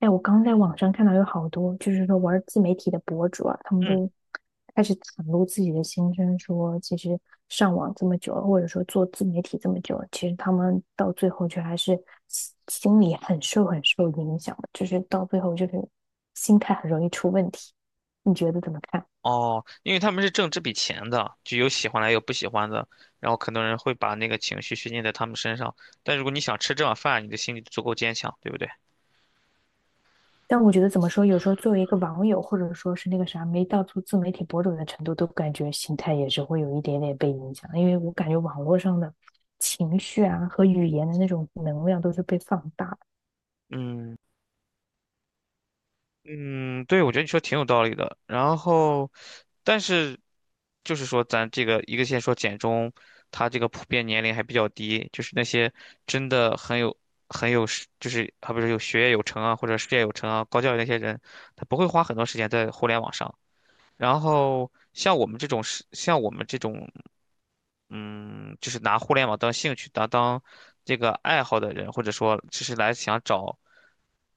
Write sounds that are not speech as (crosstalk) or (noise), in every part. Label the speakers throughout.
Speaker 1: 哎，我刚在网上看到有好多，就是说玩自媒体的博主啊，他们
Speaker 2: 嗯，
Speaker 1: 都开始袒露自己的心声，说其实上网这么久了，或者说做自媒体这么久了，其实他们到最后却还是心里很受影响的，就是到最后就是心态很容易出问题。你觉得怎么看？
Speaker 2: 哦，因为他们是挣这笔钱的，就有喜欢的，有不喜欢的。然后很多人会把那个情绪宣泄在他们身上。但如果你想吃这碗饭，你的心里足够坚强，对不对？
Speaker 1: 但我觉得怎么说，有时候作为一个网友，或者说是那个啥，没到做自媒体博主的程度，都感觉心态也是会有一点点被影响，因为我感觉网络上的情绪啊和语言的那种能量都是被放大的。
Speaker 2: 嗯嗯，对，我觉得你说挺有道理的。然后，但是就是说，咱这个一个先说简中，他这个普遍年龄还比较低，就是那些真的很有是就是还不是有学业有成啊，或者事业有成啊，高教育那些人，他不会花很多时间在互联网上。然后像我们这种，嗯，就是拿互联网当兴趣、当这个爱好的人，或者说只是来想找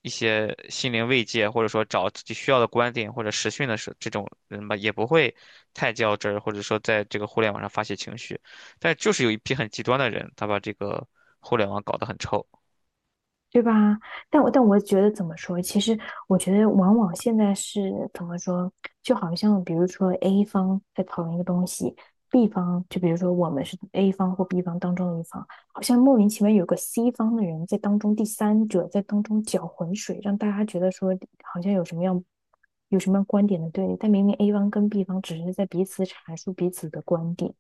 Speaker 2: 一些心灵慰藉，或者说找自己需要的观点或者实训的时这种人吧，也不会太较真儿，或者说在这个互联网上发泄情绪。但就是有一批很极端的人，他把这个互联网搞得很臭。
Speaker 1: 对吧？但我觉得怎么说？其实我觉得往往现在是怎么说？就好像比如说 A 方在讨论一个东西，B 方就比如说我们是 A 方或 B 方当中的一方，好像莫名其妙有个 C 方的人在当中第三者在当中搅浑水，让大家觉得说好像有什么样观点的对立，但明明 A 方跟 B 方只是在彼此阐述彼此的观点。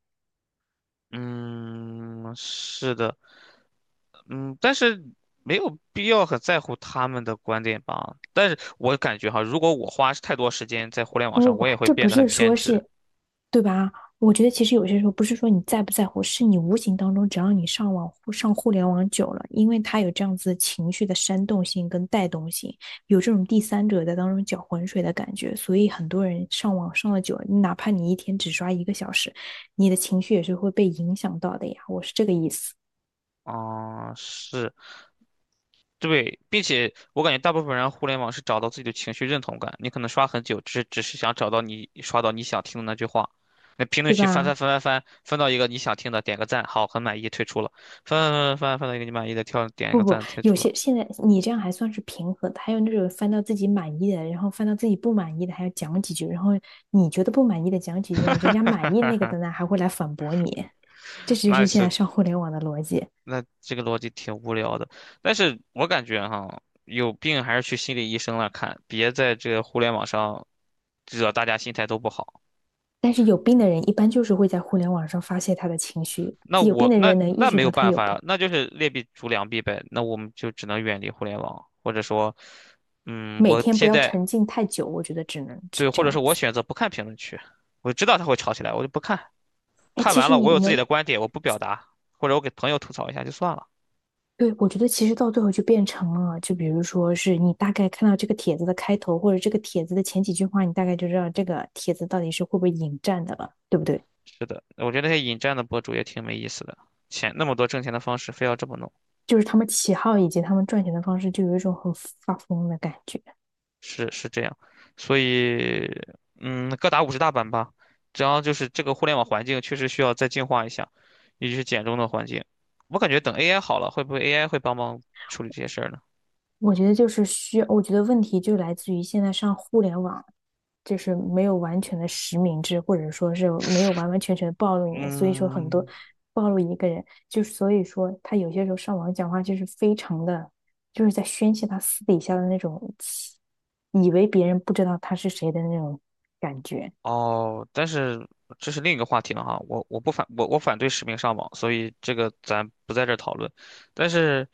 Speaker 2: 嗯，是的。嗯，但是没有必要很在乎他们的观点吧。但是我感觉哈，如果我花太多时间在互联网
Speaker 1: 不不
Speaker 2: 上，我
Speaker 1: 不，
Speaker 2: 也会
Speaker 1: 这不
Speaker 2: 变得很
Speaker 1: 是
Speaker 2: 偏
Speaker 1: 说
Speaker 2: 执。
Speaker 1: 是，对吧？我觉得其实有些时候不是说你在不在乎，是你无形当中，只要你上网上互联网久了，因为它有这样子情绪的煽动性跟带动性，有这种第三者在当中搅浑水的感觉，所以很多人上网上了久了，哪怕你一天只刷一个小时，你的情绪也是会被影响到的呀。我是这个意思，
Speaker 2: 啊、是，对，并且我感觉大部分人互联网是找到自己的情绪认同感。你可能刷很久，只是想找到你刷到你想听的那句话。那评论
Speaker 1: 对
Speaker 2: 区翻翻
Speaker 1: 吧？
Speaker 2: 翻翻翻，翻到一个你想听的，点个赞，好，很满意，退出了。翻翻翻翻翻翻到一个你满意的，跳点一个赞，退
Speaker 1: 有
Speaker 2: 出了。
Speaker 1: 些现在你这样还算是平和的，还有那种翻到自己满意的，然后翻到自己不满意的，还要讲几句，然后你觉得不满意的讲几句呢，人家满意那个的
Speaker 2: (laughs)
Speaker 1: 呢还会来反驳你，这就
Speaker 2: 那
Speaker 1: 是现在
Speaker 2: 是。
Speaker 1: 上互联网的逻辑。
Speaker 2: 那这个逻辑挺无聊的。但是我感觉哈，有病还是去心理医生那看，别在这个互联网上惹大家心态都不好。
Speaker 1: 但是有病的人一般就是会在互联网上发泄他的情绪，
Speaker 2: 那
Speaker 1: 有病
Speaker 2: 我
Speaker 1: 的
Speaker 2: 那
Speaker 1: 人能意
Speaker 2: 那
Speaker 1: 识
Speaker 2: 没
Speaker 1: 到
Speaker 2: 有
Speaker 1: 他
Speaker 2: 办
Speaker 1: 有
Speaker 2: 法
Speaker 1: 病，
Speaker 2: 呀，那就是劣币逐良币呗。那我们就只能远离互联网，或者说，嗯，
Speaker 1: 每
Speaker 2: 我
Speaker 1: 天不
Speaker 2: 现
Speaker 1: 要
Speaker 2: 在
Speaker 1: 沉浸太久，我觉得只能
Speaker 2: 对，
Speaker 1: 这
Speaker 2: 或者是
Speaker 1: 样
Speaker 2: 我
Speaker 1: 子。
Speaker 2: 选择不看评论区，我知道他会吵起来，我就不看。
Speaker 1: 哎，
Speaker 2: 看
Speaker 1: 其
Speaker 2: 完
Speaker 1: 实
Speaker 2: 了，我
Speaker 1: 你
Speaker 2: 有自己
Speaker 1: 呢？
Speaker 2: 的观点，我不表达，或者我给朋友吐槽一下就算了。
Speaker 1: 对，我觉得其实到最后就变成了，就比如说是你大概看到这个帖子的开头，或者这个帖子的前几句话，你大概就知道这个帖子到底是会不会引战的了，对不对？
Speaker 2: 是的，我觉得那些引战的博主也挺没意思的，钱那么多挣钱的方式，非要这么弄。
Speaker 1: 就是他们起号以及他们赚钱的方式，就有一种很发疯的感觉。
Speaker 2: 是是这样，所以各打五十大板吧。只要就是这个互联网环境确实需要再净化一下，尤其是简中的环境。我感觉等 AI 好了，会不会 AI 会帮忙处理这些事儿呢？
Speaker 1: 我觉得就是需要，我觉得问题就来自于现在上互联网，就是没有完全的实名制，或者说是没有完完全全的暴露你，所以说很多
Speaker 2: 嗯，
Speaker 1: 暴露一个人，就所以说他有些时候上网讲话就是非常的，就是在宣泄他私底下的那种，以为别人不知道他是谁的那种感觉。
Speaker 2: 哦，但是这是另一个话题了哈，我我不反我我反对实名上网，所以这个咱不在这儿讨论。但是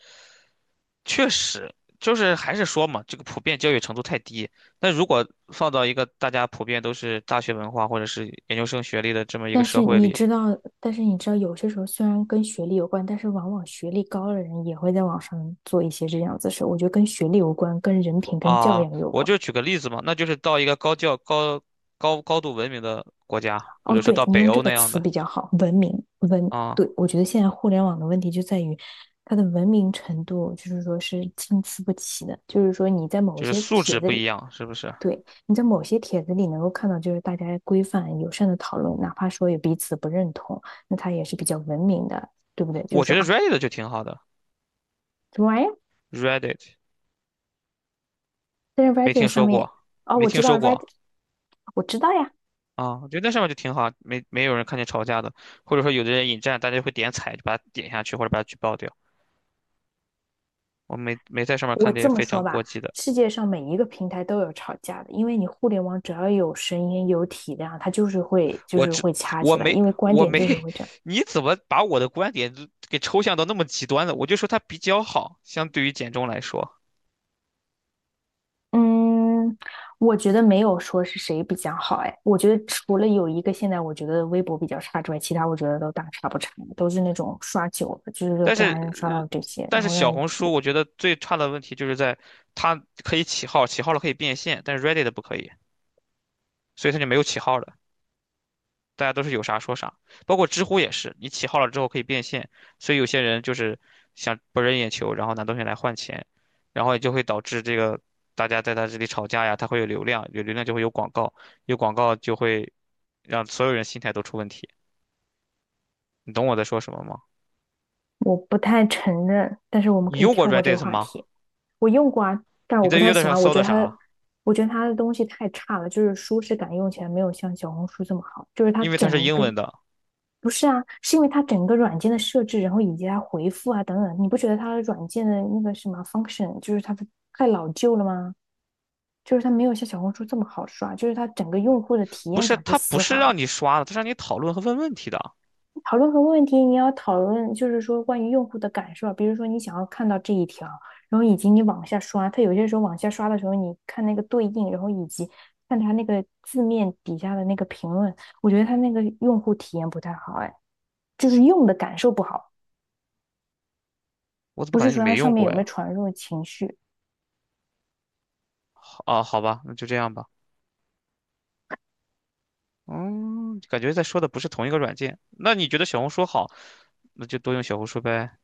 Speaker 2: 确实就是还是说嘛，这个普遍教育程度太低。那如果放到一个大家普遍都是大学文化或者是研究生学历的这么一个
Speaker 1: 但
Speaker 2: 社
Speaker 1: 是
Speaker 2: 会
Speaker 1: 你
Speaker 2: 里
Speaker 1: 知道，但是你知道，有些时候虽然跟学历有关，但是往往学历高的人也会在网上做一些这样子的事。我觉得跟学历有关，跟人品、跟教
Speaker 2: 啊，
Speaker 1: 养有
Speaker 2: 我
Speaker 1: 关。
Speaker 2: 就举个例子嘛，那就是到一个高教高高高度文明的国家，或
Speaker 1: 哦，
Speaker 2: 者说
Speaker 1: 对，
Speaker 2: 到
Speaker 1: 你
Speaker 2: 北
Speaker 1: 用这
Speaker 2: 欧
Speaker 1: 个
Speaker 2: 那样
Speaker 1: 词
Speaker 2: 的
Speaker 1: 比较好，文明文。
Speaker 2: 啊，
Speaker 1: 对，我觉得现在互联网的问题就在于它的文明程度，就是说是参差不齐的。就是说你在某
Speaker 2: 就是
Speaker 1: 些
Speaker 2: 素质
Speaker 1: 帖子
Speaker 2: 不一
Speaker 1: 里，
Speaker 2: 样，是不是？
Speaker 1: 对，你在某些帖子里能够看到，就是大家规范友善的讨论，哪怕说有彼此不认同，那它也是比较文明的，对不对？就
Speaker 2: 我
Speaker 1: 是说
Speaker 2: 觉得
Speaker 1: 啊。
Speaker 2: Reddit 就挺好的
Speaker 1: 什么玩意？儿？
Speaker 2: ，Reddit。
Speaker 1: 但是
Speaker 2: 没听
Speaker 1: Reddit 上
Speaker 2: 说
Speaker 1: 面，
Speaker 2: 过，
Speaker 1: 哦，
Speaker 2: 没
Speaker 1: 我
Speaker 2: 听
Speaker 1: 知道
Speaker 2: 说
Speaker 1: Reddit，
Speaker 2: 过
Speaker 1: 我知道呀。
Speaker 2: 啊。我觉得那上面就挺好，没有人看见吵架的，或者说有的人引战，大家会点踩，就把它点下去或者把它举报掉。我没在上面
Speaker 1: 我
Speaker 2: 看见
Speaker 1: 这么
Speaker 2: 非
Speaker 1: 说
Speaker 2: 常过
Speaker 1: 吧，
Speaker 2: 激的，
Speaker 1: 世界上每一个平台都有吵架的，因为你互联网只要有声音、有体量，它就是会就
Speaker 2: 我
Speaker 1: 是
Speaker 2: 只
Speaker 1: 会掐
Speaker 2: 我
Speaker 1: 起来，
Speaker 2: 没
Speaker 1: 因为观
Speaker 2: 我
Speaker 1: 点
Speaker 2: 没，
Speaker 1: 就是会
Speaker 2: (laughs)
Speaker 1: 这样。
Speaker 2: 你怎么把我的观点就给抽象到那么极端了？我就说它比较好，相对于简中来说，
Speaker 1: 嗯，我觉得没有说是谁比较好，哎，我觉得除了有一个现在我觉得微博比较差之外，其他我觉得都大差不差，都是那种刷久了，就是说
Speaker 2: 但
Speaker 1: 都还
Speaker 2: 是
Speaker 1: 能刷
Speaker 2: 呃
Speaker 1: 到这些，
Speaker 2: 但
Speaker 1: 然
Speaker 2: 是
Speaker 1: 后让
Speaker 2: 小
Speaker 1: 人……
Speaker 2: 红书我觉得最差的问题就是在它可以起号，起号了可以变现，但是 Reddit 不可以，所以它就没有起号了。大家都是有啥说啥，包括知乎也是，你起号了之后可以变现，所以有些人就是想博人眼球，然后拿东西来换钱，然后也就会导致这个大家在他这里吵架呀，他会有流量，有流量就会有广告，有广告就会让所有人心态都出问题。你懂我在说什么吗？
Speaker 1: 我不太承认，但是我们
Speaker 2: 你
Speaker 1: 可以
Speaker 2: 用过
Speaker 1: 跳过这个
Speaker 2: Reddit
Speaker 1: 话
Speaker 2: 吗？
Speaker 1: 题。我用过啊，但
Speaker 2: 你
Speaker 1: 我
Speaker 2: 在
Speaker 1: 不太
Speaker 2: Reddit
Speaker 1: 喜
Speaker 2: 上
Speaker 1: 欢，我
Speaker 2: 搜
Speaker 1: 觉
Speaker 2: 的
Speaker 1: 得它……
Speaker 2: 啥？
Speaker 1: 我觉得它的东西太差了，就是舒适感用起来没有像小红书这么好，就是它
Speaker 2: 因为它是
Speaker 1: 整一
Speaker 2: 英
Speaker 1: 个，
Speaker 2: 文的，
Speaker 1: 不是啊，是因为它整个软件的设置，然后以及它回复啊等等，你不觉得它的软件的那个什么 function，就是它的太老旧了吗？就是它没有像小红书这么好刷，就是它整个用户的体
Speaker 2: 不
Speaker 1: 验
Speaker 2: 是，
Speaker 1: 感不
Speaker 2: 它不
Speaker 1: 丝
Speaker 2: 是
Speaker 1: 滑，
Speaker 2: 让你刷的，它是让你讨论和问问题的。
Speaker 1: 讨论多问题，你要讨论就是说关于用户的感受啊，比如说你想要看到这一条，然后以及你往下刷，它有些时候往下刷的时候，你看那个对应，然后以及看它那个字面底下的那个评论，我觉得它那个用户体验不太好，哎，就是用的感受不好，
Speaker 2: 我怎么
Speaker 1: 不
Speaker 2: 感
Speaker 1: 是
Speaker 2: 觉你
Speaker 1: 说它
Speaker 2: 没
Speaker 1: 上
Speaker 2: 用
Speaker 1: 面
Speaker 2: 过
Speaker 1: 有没有
Speaker 2: 呀？
Speaker 1: 传入情绪。
Speaker 2: 好啊，好吧，那就这样吧。嗯，感觉在说的不是同一个软件。那你觉得小红书好，那就多用小红书呗。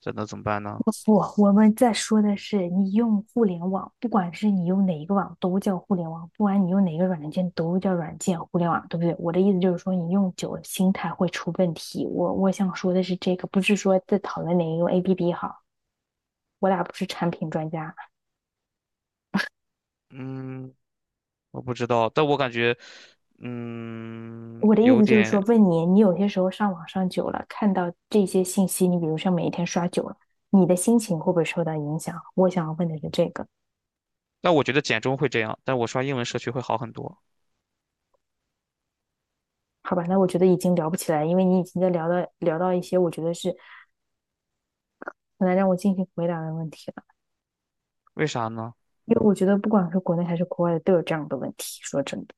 Speaker 2: 这能怎么办呢？
Speaker 1: 不，我们在说的是你用互联网，不管是你用哪一个网都叫互联网，不管你用哪个软件都叫软件互联网，对不对？我的意思就是说，你用久了心态会出问题。我想说的是这个，不是说在讨论哪一个 APP 好，我俩不是产品专家。
Speaker 2: 嗯，我不知道，但我感觉，嗯，
Speaker 1: 我的意
Speaker 2: 有
Speaker 1: 思就是说，
Speaker 2: 点。
Speaker 1: 问你，你有些时候上网上久了，看到这些信息，你比如像每一天刷久了，你的心情会不会受到影响？我想要问的是这个。
Speaker 2: 但我觉得简中会这样，但我刷英文社区会好很多。
Speaker 1: 好吧，那我觉得已经聊不起来，因为你已经在聊到一些我觉得是很难让我进行回答的问题了，
Speaker 2: 为啥呢？
Speaker 1: 因为我觉得不管是国内还是国外的都有这样的问题。说真的，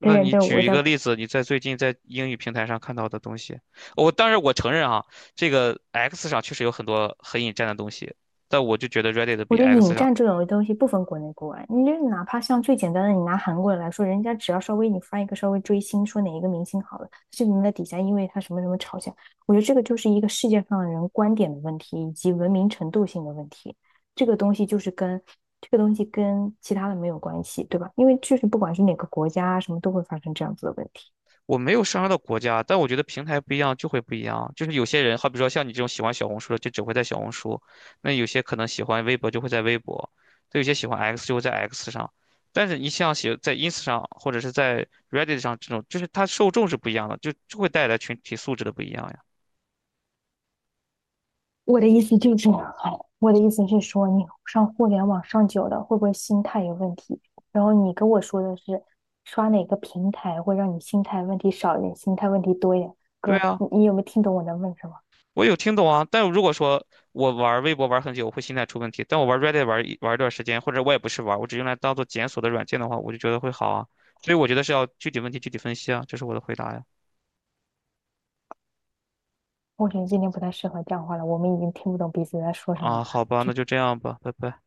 Speaker 1: 但是
Speaker 2: 你
Speaker 1: 但是
Speaker 2: 举
Speaker 1: 我
Speaker 2: 一
Speaker 1: 在……
Speaker 2: 个例子，你在最近在英语平台上看到的东西。我当然我承认啊，这个 X 上确实有很多很引战的东西，但我就觉得 Reddit
Speaker 1: 我
Speaker 2: 比
Speaker 1: 觉得引
Speaker 2: X 上。
Speaker 1: 战这种东西不分国内国外，你就哪怕像最简单的，你拿韩国人来说，人家只要稍微你发一个稍微追星，说哪一个明星好了，就能在底下因为他什么什么吵架。我觉得这个就是一个世界上的人观点的问题，以及文明程度性的问题。这个东西就是跟这个东西跟其他的没有关系，对吧？因为就是不管是哪个国家啊，什么都会发生这样子的问题。
Speaker 2: 我没有上升到国家，但我觉得平台不一样就会不一样。就是有些人，好比说像你这种喜欢小红书的，就只会在小红书；那有些可能喜欢微博，就会在微博；对，有些喜欢 X 就会在 X 上。但是你像写在 ins 上或者是在 Reddit 上这种，就是它受众是不一样的，就会带来群体素质的不一样呀。
Speaker 1: 我的意思就是，我的意思是说，你上互联网上久了，会不会心态有问题？然后你跟我说的是，刷哪个平台会让你心态问题少一点，心态问题多一点？
Speaker 2: 对
Speaker 1: 哥，
Speaker 2: 啊。
Speaker 1: 你有没有听懂我在问什么？
Speaker 2: 我有听懂啊，但如果说我玩微博玩很久，我会心态出问题。但我玩 Reddit 玩一段时间，或者我也不是玩，我只用来当做检索的软件的话，我就觉得会好啊。所以我觉得是要具体问题具体分析啊，这是我的回答呀。
Speaker 1: 我觉得今天不太适合讲话了，我们已经听不懂彼此在说什么
Speaker 2: 啊，
Speaker 1: 了。
Speaker 2: 好吧，那就这样吧，拜拜。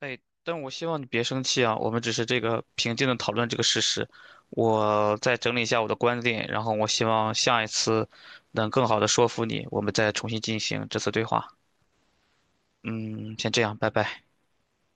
Speaker 2: 哎，但我希望你别生气啊，我们只是这个平静的讨论这个事实。我再整理一下我的观点，然后我希望下一次能更好的说服你，我们再重新进行这次对话。嗯，先这样，拜拜。